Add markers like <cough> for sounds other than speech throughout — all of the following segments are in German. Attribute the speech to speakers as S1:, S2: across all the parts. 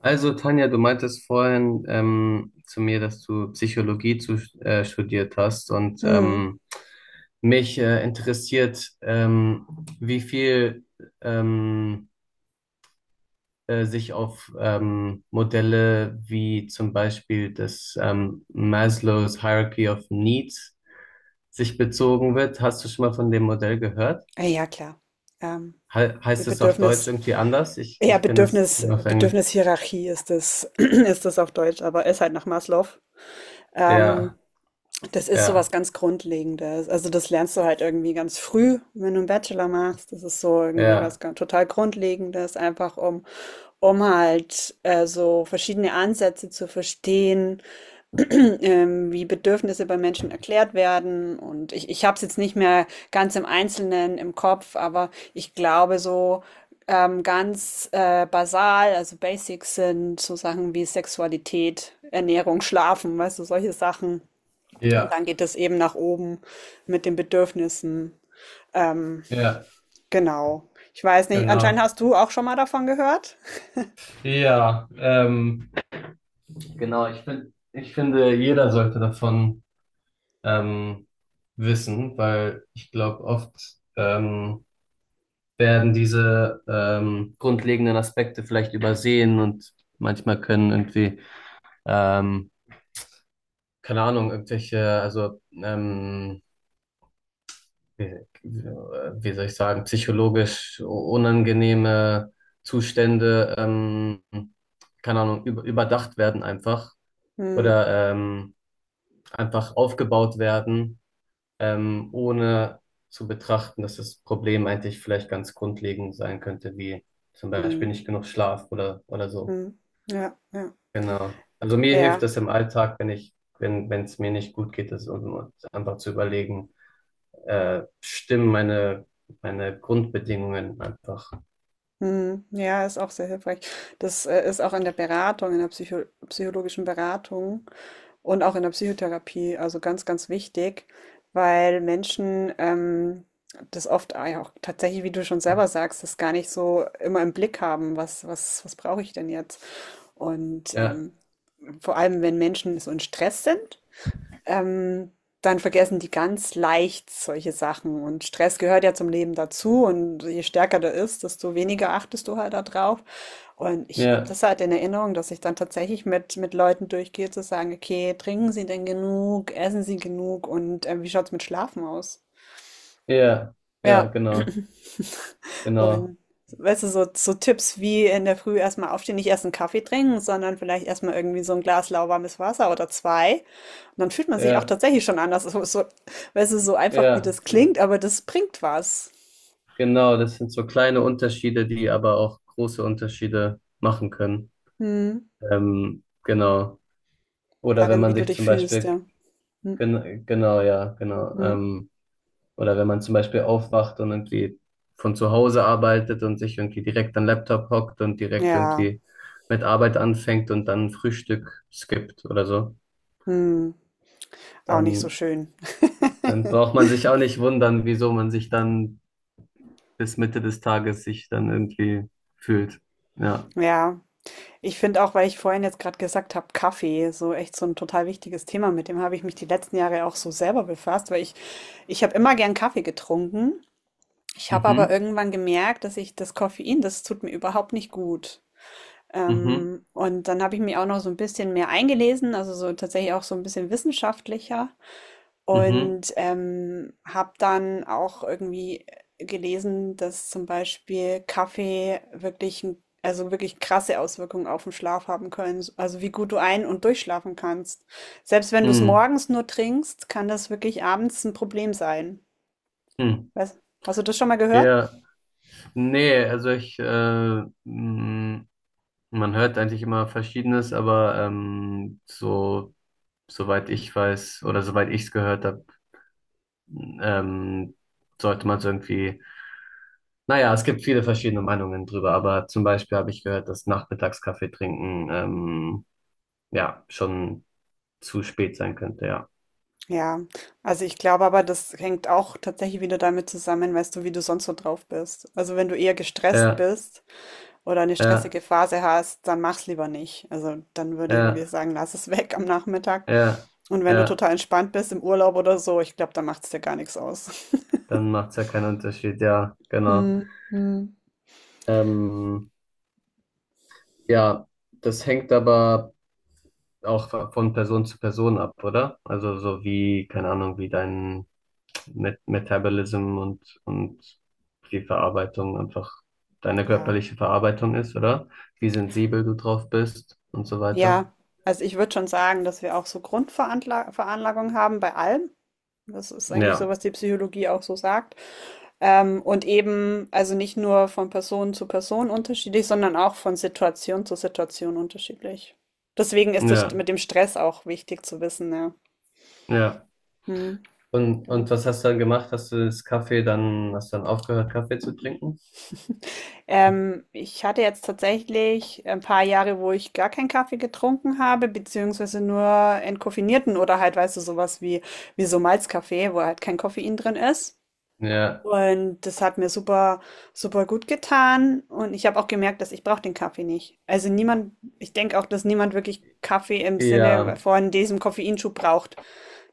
S1: Also, Tanja, du meintest vorhin zu mir, dass du Psychologie studiert hast und
S2: Mhm.
S1: mich interessiert, wie viel ähm, sich auf Modelle wie zum Beispiel das Maslow's Hierarchy of Needs sich bezogen wird. Hast du schon mal von dem Modell gehört?
S2: Ah ja, klar. Ähm,
S1: He
S2: die
S1: Heißt es auf Deutsch
S2: Bedürfnis,
S1: irgendwie anders? Ich,
S2: ja,
S1: ich kenne es
S2: Bedürfnis,
S1: nur auf Englisch.
S2: Bedürfnishierarchie ist das, <clears throat> ist das auf Deutsch, aber ist halt nach Maslow.
S1: Ja,
S2: Ähm, das ist so was
S1: ja,
S2: ganz Grundlegendes. Also das lernst du halt irgendwie ganz früh, wenn du einen Bachelor machst. Das ist so irgendwie was
S1: ja.
S2: ganz, total Grundlegendes, einfach um halt so verschiedene Ansätze zu verstehen. <clears throat> Ähm, wie Bedürfnisse bei Menschen erklärt werden. Und ich habe es jetzt nicht mehr ganz im Einzelnen im Kopf, aber ich glaube so ganz basal, also Basics sind so Sachen wie Sexualität, Ernährung, Schlafen, weißt du, solche Sachen. Und
S1: Ja,
S2: dann geht es eben nach oben mit den Bedürfnissen. Ähm,
S1: ja.
S2: genau. Ich weiß nicht, anscheinend
S1: Genau.
S2: hast du auch schon mal davon gehört.
S1: Ja, genau, ich finde, jeder sollte davon ähm, wissen, weil ich glaube, oft ähm, werden diese grundlegenden Aspekte vielleicht übersehen und manchmal können ähm, keine Ahnung, wie, wie soll ich sagen, psychologisch unangenehme Zustände, keine Ahnung, überdacht werden einfach
S2: Hm,
S1: oder einfach aufgebaut werden, ohne zu betrachten, dass das Problem eigentlich vielleicht ganz grundlegend sein könnte, wie zum Beispiel
S2: hm,
S1: nicht genug Schlaf oder so.
S2: hm. Ja, ja.
S1: Genau. Also mir hilft
S2: Ja,
S1: das im Alltag, wenn ich, wenn, wenn es mir nicht gut geht, das und einfach zu überlegen, stimmen meine Grundbedingungen einfach.
S2: mhm. Ja, ist auch sehr hilfreich. Das, ist auch in der Beratung, in der psychologischen Beratung und auch in der Psychotherapie, also ganz, ganz wichtig, weil Menschen das oft ah ja, auch tatsächlich, wie du schon selber sagst, das gar nicht so immer im Blick haben, was brauche ich denn jetzt? Und
S1: Ja,
S2: vor allem, wenn Menschen so in Stress sind, ähm, dann vergessen die ganz leicht solche Sachen. Und Stress gehört ja zum Leben dazu. Und je stärker der ist, desto weniger achtest du halt darauf. Und ich habe
S1: ja,
S2: das halt in Erinnerung, dass ich dann tatsächlich mit Leuten durchgehe, zu sagen, okay, trinken Sie denn genug, essen Sie genug und wie schaut's mit Schlafen aus?
S1: ja, ja,
S2: Ja,
S1: genau, genau,
S2: und weißt du, so, so Tipps wie in der Früh erstmal aufstehen, nicht erst einen Kaffee trinken, sondern vielleicht erstmal irgendwie so ein Glas lauwarmes Wasser oder zwei. Und dann fühlt man sich auch
S1: ja,
S2: tatsächlich schon anders. So, so, weißt du, so einfach wie
S1: ja.
S2: das klingt, aber das bringt was.
S1: Genau, das sind so kleine Unterschiede, die aber auch große Unterschiede machen können.
S2: Hm.
S1: Genau. Oder wenn
S2: Darin, wie
S1: man
S2: du
S1: sich
S2: dich
S1: zum
S2: fühlst,
S1: Beispiel,
S2: ja. Hm.
S1: genau, ja, genau.
S2: Hm.
S1: Oder wenn man zum Beispiel aufwacht und irgendwie von zu Hause arbeitet und sich irgendwie direkt an den Laptop hockt und direkt
S2: Ja.
S1: irgendwie mit Arbeit anfängt und dann Frühstück skippt oder so,
S2: Hm. Auch nicht so
S1: dann,
S2: schön.
S1: dann braucht man sich auch nicht wundern, wieso man sich dann bis Mitte des Tages sich dann irgendwie fühlt. Ja.
S2: Ja. Ich finde auch, weil ich vorhin jetzt gerade gesagt habe, Kaffee, so echt so ein total wichtiges Thema, mit dem habe ich mich die letzten Jahre auch so selber befasst, weil ich habe immer gern Kaffee getrunken. Ich habe aber
S1: Mhm.
S2: irgendwann gemerkt, dass ich das Koffein, das tut mir überhaupt nicht gut.
S1: Mhm.
S2: Und dann habe ich mich auch noch so ein bisschen mehr eingelesen, also so tatsächlich auch so ein bisschen wissenschaftlicher.
S1: Mhm.
S2: Und habe dann auch irgendwie gelesen, dass zum Beispiel Kaffee wirklich 'n also, wirklich krasse Auswirkungen auf den Schlaf haben können, also, wie gut du ein und durchschlafen kannst. Selbst wenn du es
S1: Mhm.
S2: morgens nur trinkst, kann das wirklich abends ein Problem sein.
S1: Mhm.
S2: Weiß hast du das schon mal gehört?
S1: Ja, nee, man hört eigentlich immer Verschiedenes, aber soweit ich weiß oder soweit ich es gehört habe, ähm, sollte man es irgendwie, naja, es gibt viele verschiedene Meinungen drüber, aber zum Beispiel habe ich gehört, dass Nachmittagskaffee trinken, ja, schon zu spät sein könnte, ja.
S2: Ja, also, ich glaube aber, das hängt auch tatsächlich wieder damit zusammen, weißt du, wie du sonst so drauf bist. Also, wenn du eher gestresst
S1: Ja,
S2: bist oder eine
S1: ja,
S2: stressige Phase hast, dann mach's lieber nicht. Also dann würde ich
S1: ja,
S2: wirklich sagen, lass es weg am Nachmittag.
S1: ja,
S2: Und wenn du
S1: ja,
S2: total entspannt bist im Urlaub oder so, ich glaube, dann macht's dir gar nichts aus. <laughs>
S1: dann macht es ja keinen Unterschied, ja, genau.
S2: Hm, hm.
S1: Ähm, ja, das hängt aber auch von Person zu Person ab, oder? Also so wie, keine Ahnung, wie dein Metabolism und die Verarbeitung einfach deine
S2: Ja,
S1: körperliche Verarbeitung ist, oder? Wie sensibel du drauf bist und so weiter.
S2: ja. Also ich würde schon sagen, dass wir auch so Grundveranlagung haben bei allem. Das ist eigentlich so,
S1: Ja,
S2: was die Psychologie auch so sagt. Und eben, also nicht nur von Person zu Person unterschiedlich, sondern auch von Situation zu Situation unterschiedlich. Deswegen ist das
S1: ja,
S2: mit dem Stress auch wichtig zu wissen, ja.
S1: ja.
S2: Mhm,
S1: Und
S2: genau.
S1: was hast du dann gemacht? Hast du das Kaffee dann, hast du dann aufgehört, Kaffee zu trinken?
S2: Ich hatte jetzt tatsächlich ein paar Jahre, wo ich gar keinen Kaffee getrunken habe, beziehungsweise nur entkoffinierten oder halt, weißt du, sowas wie, wie so Malzkaffee, wo halt kein Koffein drin ist.
S1: Ja,
S2: Und das hat mir super, super gut getan. Und ich habe auch gemerkt, dass ich brauche den Kaffee nicht. Also niemand, ich denke auch, dass niemand wirklich Kaffee im Sinne
S1: ja,
S2: von diesem Koffeinschub braucht.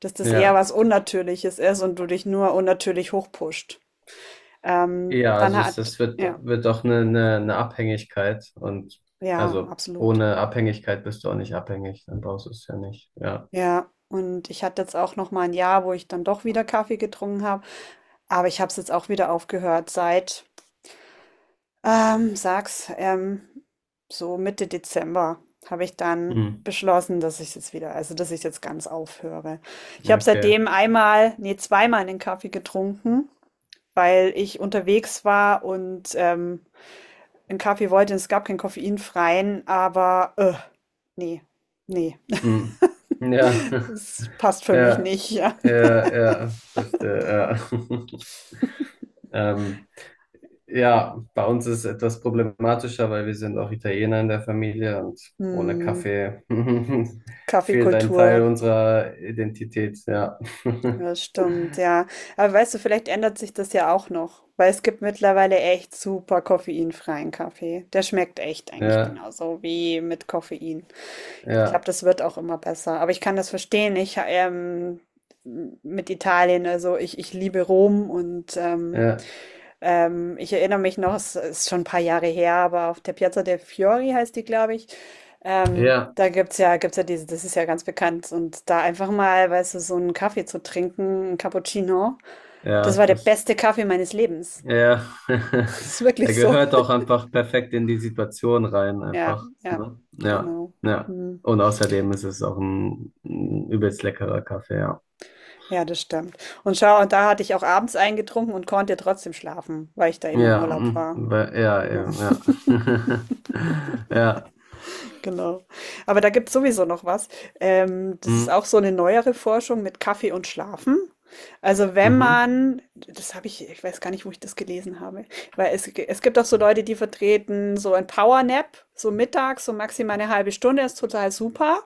S2: Dass das eher
S1: ja.
S2: was Unnatürliches ist und du dich nur unnatürlich hochpusht.
S1: Ja, also
S2: Ja.
S1: wird doch eine Abhängigkeit und
S2: Ja,
S1: also
S2: absolut.
S1: ohne Abhängigkeit bist du auch nicht abhängig, dann brauchst du es ja nicht. Ja.
S2: Ja, und ich hatte jetzt auch noch mal ein Jahr, wo ich dann doch wieder Kaffee getrunken habe, aber ich habe es jetzt auch wieder aufgehört seit, ähm, sag's, ähm, so Mitte Dezember habe ich dann
S1: Hm.
S2: beschlossen, dass ich jetzt wieder also, dass ich jetzt ganz aufhöre. Ich habe
S1: Okay.
S2: seitdem einmal nee, zweimal den Kaffee getrunken, weil ich unterwegs war und, 'n Kaffee wollte es gab keinen koffeinfreien, aber, ne, nee, ne,
S1: Hm. Ja,
S2: es passt
S1: <laughs>
S2: für mich
S1: ja,
S2: nicht, <laughs> ja.
S1: ja, ja, verstehe, ja. <laughs> Ähm, ja, bei uns ist es etwas problematischer, weil wir sind auch Italiener in der Familie und ohne
S2: Hm,
S1: Kaffee <laughs> fehlt ein Teil
S2: Kaffeekultur,
S1: unserer Identität, ja. <laughs>
S2: ja, das stimmt, ja. Aber weißt du, vielleicht ändert sich das ja auch noch, weil es gibt mittlerweile echt super koffeinfreien Kaffee. Der schmeckt echt eigentlich
S1: Ja,
S2: genauso wie mit Koffein. Ich glaube,
S1: ja,
S2: das wird auch immer besser. Aber ich kann das verstehen. Ich mit Italien, also ich liebe Rom und ähm,
S1: ja,
S2: Ähm, ich erinnere mich noch, es ist schon ein paar Jahre her, aber auf der Piazza del Fiori heißt die, glaube ich.
S1: ja.
S2: Da gibt's ja diese, das ist ja ganz bekannt. Und da einfach mal, weißt du, so einen Kaffee zu trinken, ein Cappuccino, das
S1: Ja,
S2: war der
S1: das,
S2: beste Kaffee meines Lebens. <laughs>
S1: ja,
S2: Das
S1: <laughs>
S2: ist wirklich
S1: der
S2: so.
S1: gehört auch einfach perfekt in die Situation rein,
S2: Ja,
S1: einfach.
S2: ja,
S1: Ne? Ja,
S2: genau.
S1: ja.
S2: Hm.
S1: Und außerdem ist es auch ein übelst leckerer Kaffee, ja.
S2: Ja, das stimmt. Und schau, und da hatte ich auch abends eingetrunken und konnte trotzdem schlafen, weil ich da eben im
S1: Ja,
S2: Urlaub
S1: mm,
S2: war.
S1: ja,
S2: Genau.
S1: eben, ja. <laughs> Ja,
S2: <laughs> Genau. Aber da gibt's sowieso noch was. Das ist
S1: mm,
S2: auch so eine neuere Forschung mit Kaffee und Schlafen. Also, wenn
S1: mhm,
S2: man das habe ich weiß gar nicht, wo ich das gelesen habe, weil es gibt auch so Leute, die vertreten so ein Powernap, so mittags, so maximal eine halbe Stunde ist total super.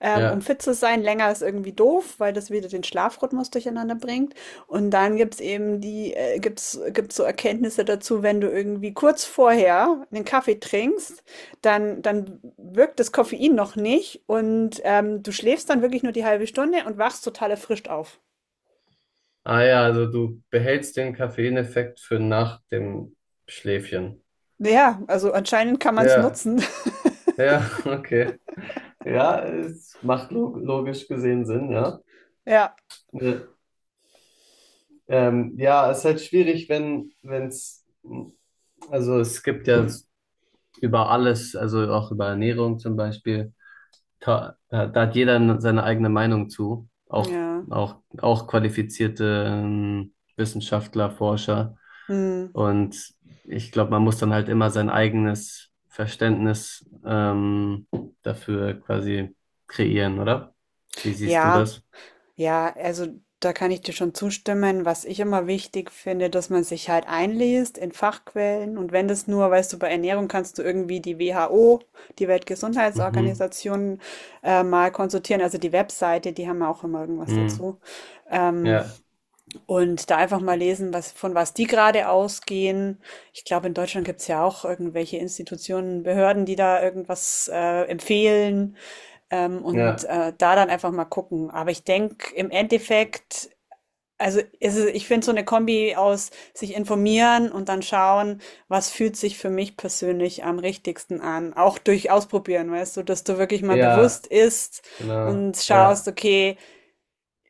S2: Um
S1: ja.
S2: fit zu sein, länger ist irgendwie doof, weil das wieder den Schlafrhythmus durcheinander bringt. Und dann gibt's eben gibt's so Erkenntnisse dazu, wenn du irgendwie kurz vorher einen Kaffee trinkst, dann wirkt das Koffein noch nicht und du schläfst dann wirklich nur die halbe Stunde und wachst total erfrischt auf.
S1: Ah ja, also du behältst den Koffeineffekt für nach dem Schläfchen.
S2: Ja, also anscheinend kann man es
S1: Ja,
S2: nutzen. <laughs>
S1: ja, <laughs> okay. Ja, es macht logisch gesehen Sinn, ja.
S2: Ja,
S1: Ja. Ja, es ist halt schwierig, wenn, wenn es, also es gibt ja über alles, also auch über Ernährung zum Beispiel, da hat jeder seine eigene Meinung zu,
S2: ja.
S1: auch qualifizierte Wissenschaftler, Forscher.
S2: Hm.
S1: Und ich glaube, man muss dann halt immer sein eigenes Verständnis dafür quasi kreieren, oder? Wie siehst du
S2: Ja,
S1: das?
S2: ja, also da kann ich dir schon zustimmen. Was ich immer wichtig finde, dass man sich halt einliest in Fachquellen und wenn das nur, weißt du, bei Ernährung kannst du irgendwie die WHO, die
S1: Mhm.
S2: Weltgesundheitsorganisation, mal konsultieren. Also die Webseite, die haben ja auch immer irgendwas
S1: Mhm.
S2: dazu. Ähm,
S1: Ja,
S2: und da einfach mal lesen, was, von was die gerade ausgehen. Ich glaube, in Deutschland gibt's ja auch irgendwelche Institutionen, Behörden, die da irgendwas empfehlen. Und
S1: ja,
S2: da dann einfach mal gucken. Aber ich denke, im Endeffekt, also ist es, ich finde so eine Kombi aus sich informieren und dann schauen, was fühlt sich für mich persönlich am richtigsten an. Auch durch Ausprobieren, weißt du, dass du wirklich mal
S1: ja.
S2: bewusst isst
S1: Genau.
S2: und schaust,
S1: Ja,
S2: okay,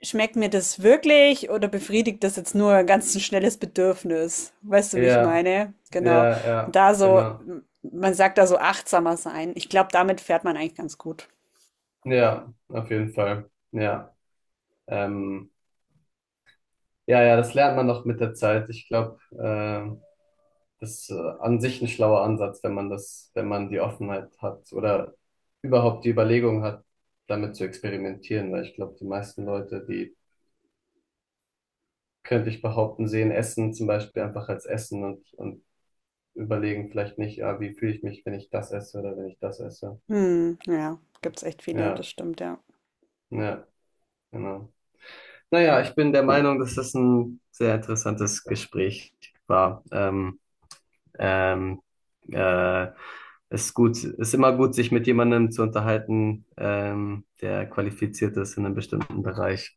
S2: schmeckt mir das wirklich oder befriedigt das jetzt nur ein ganz schnelles Bedürfnis? Weißt du, wie ich
S1: ja,
S2: meine?
S1: ja,
S2: Genau. Und
S1: ja,
S2: da so,
S1: genau.
S2: man sagt da so achtsamer sein. Ich glaube, damit fährt man eigentlich ganz gut.
S1: Ja, auf jeden Fall. Ja. Ähm, ja, ja, das lernt man noch mit der Zeit. Ich glaube, das ist an sich ein schlauer Ansatz, wenn man das, wenn man die Offenheit hat oder überhaupt die Überlegung hat, damit zu experimentieren, weil ich glaube, die meisten Leute, die könnte ich behaupten, sehen Essen zum Beispiel einfach als Essen und überlegen vielleicht nicht, ah, wie fühle ich mich, wenn ich das esse oder wenn ich das esse.
S2: Mhm, ja, gibt's echt viele, das
S1: Ja,
S2: stimmt, ja.
S1: ja, genau. Naja, ich bin der Meinung, dass das ein sehr interessantes Gespräch war. Ähm, äh, Ist gut, ist immer gut, sich mit jemandem zu unterhalten, der qualifiziert ist in einem bestimmten Bereich.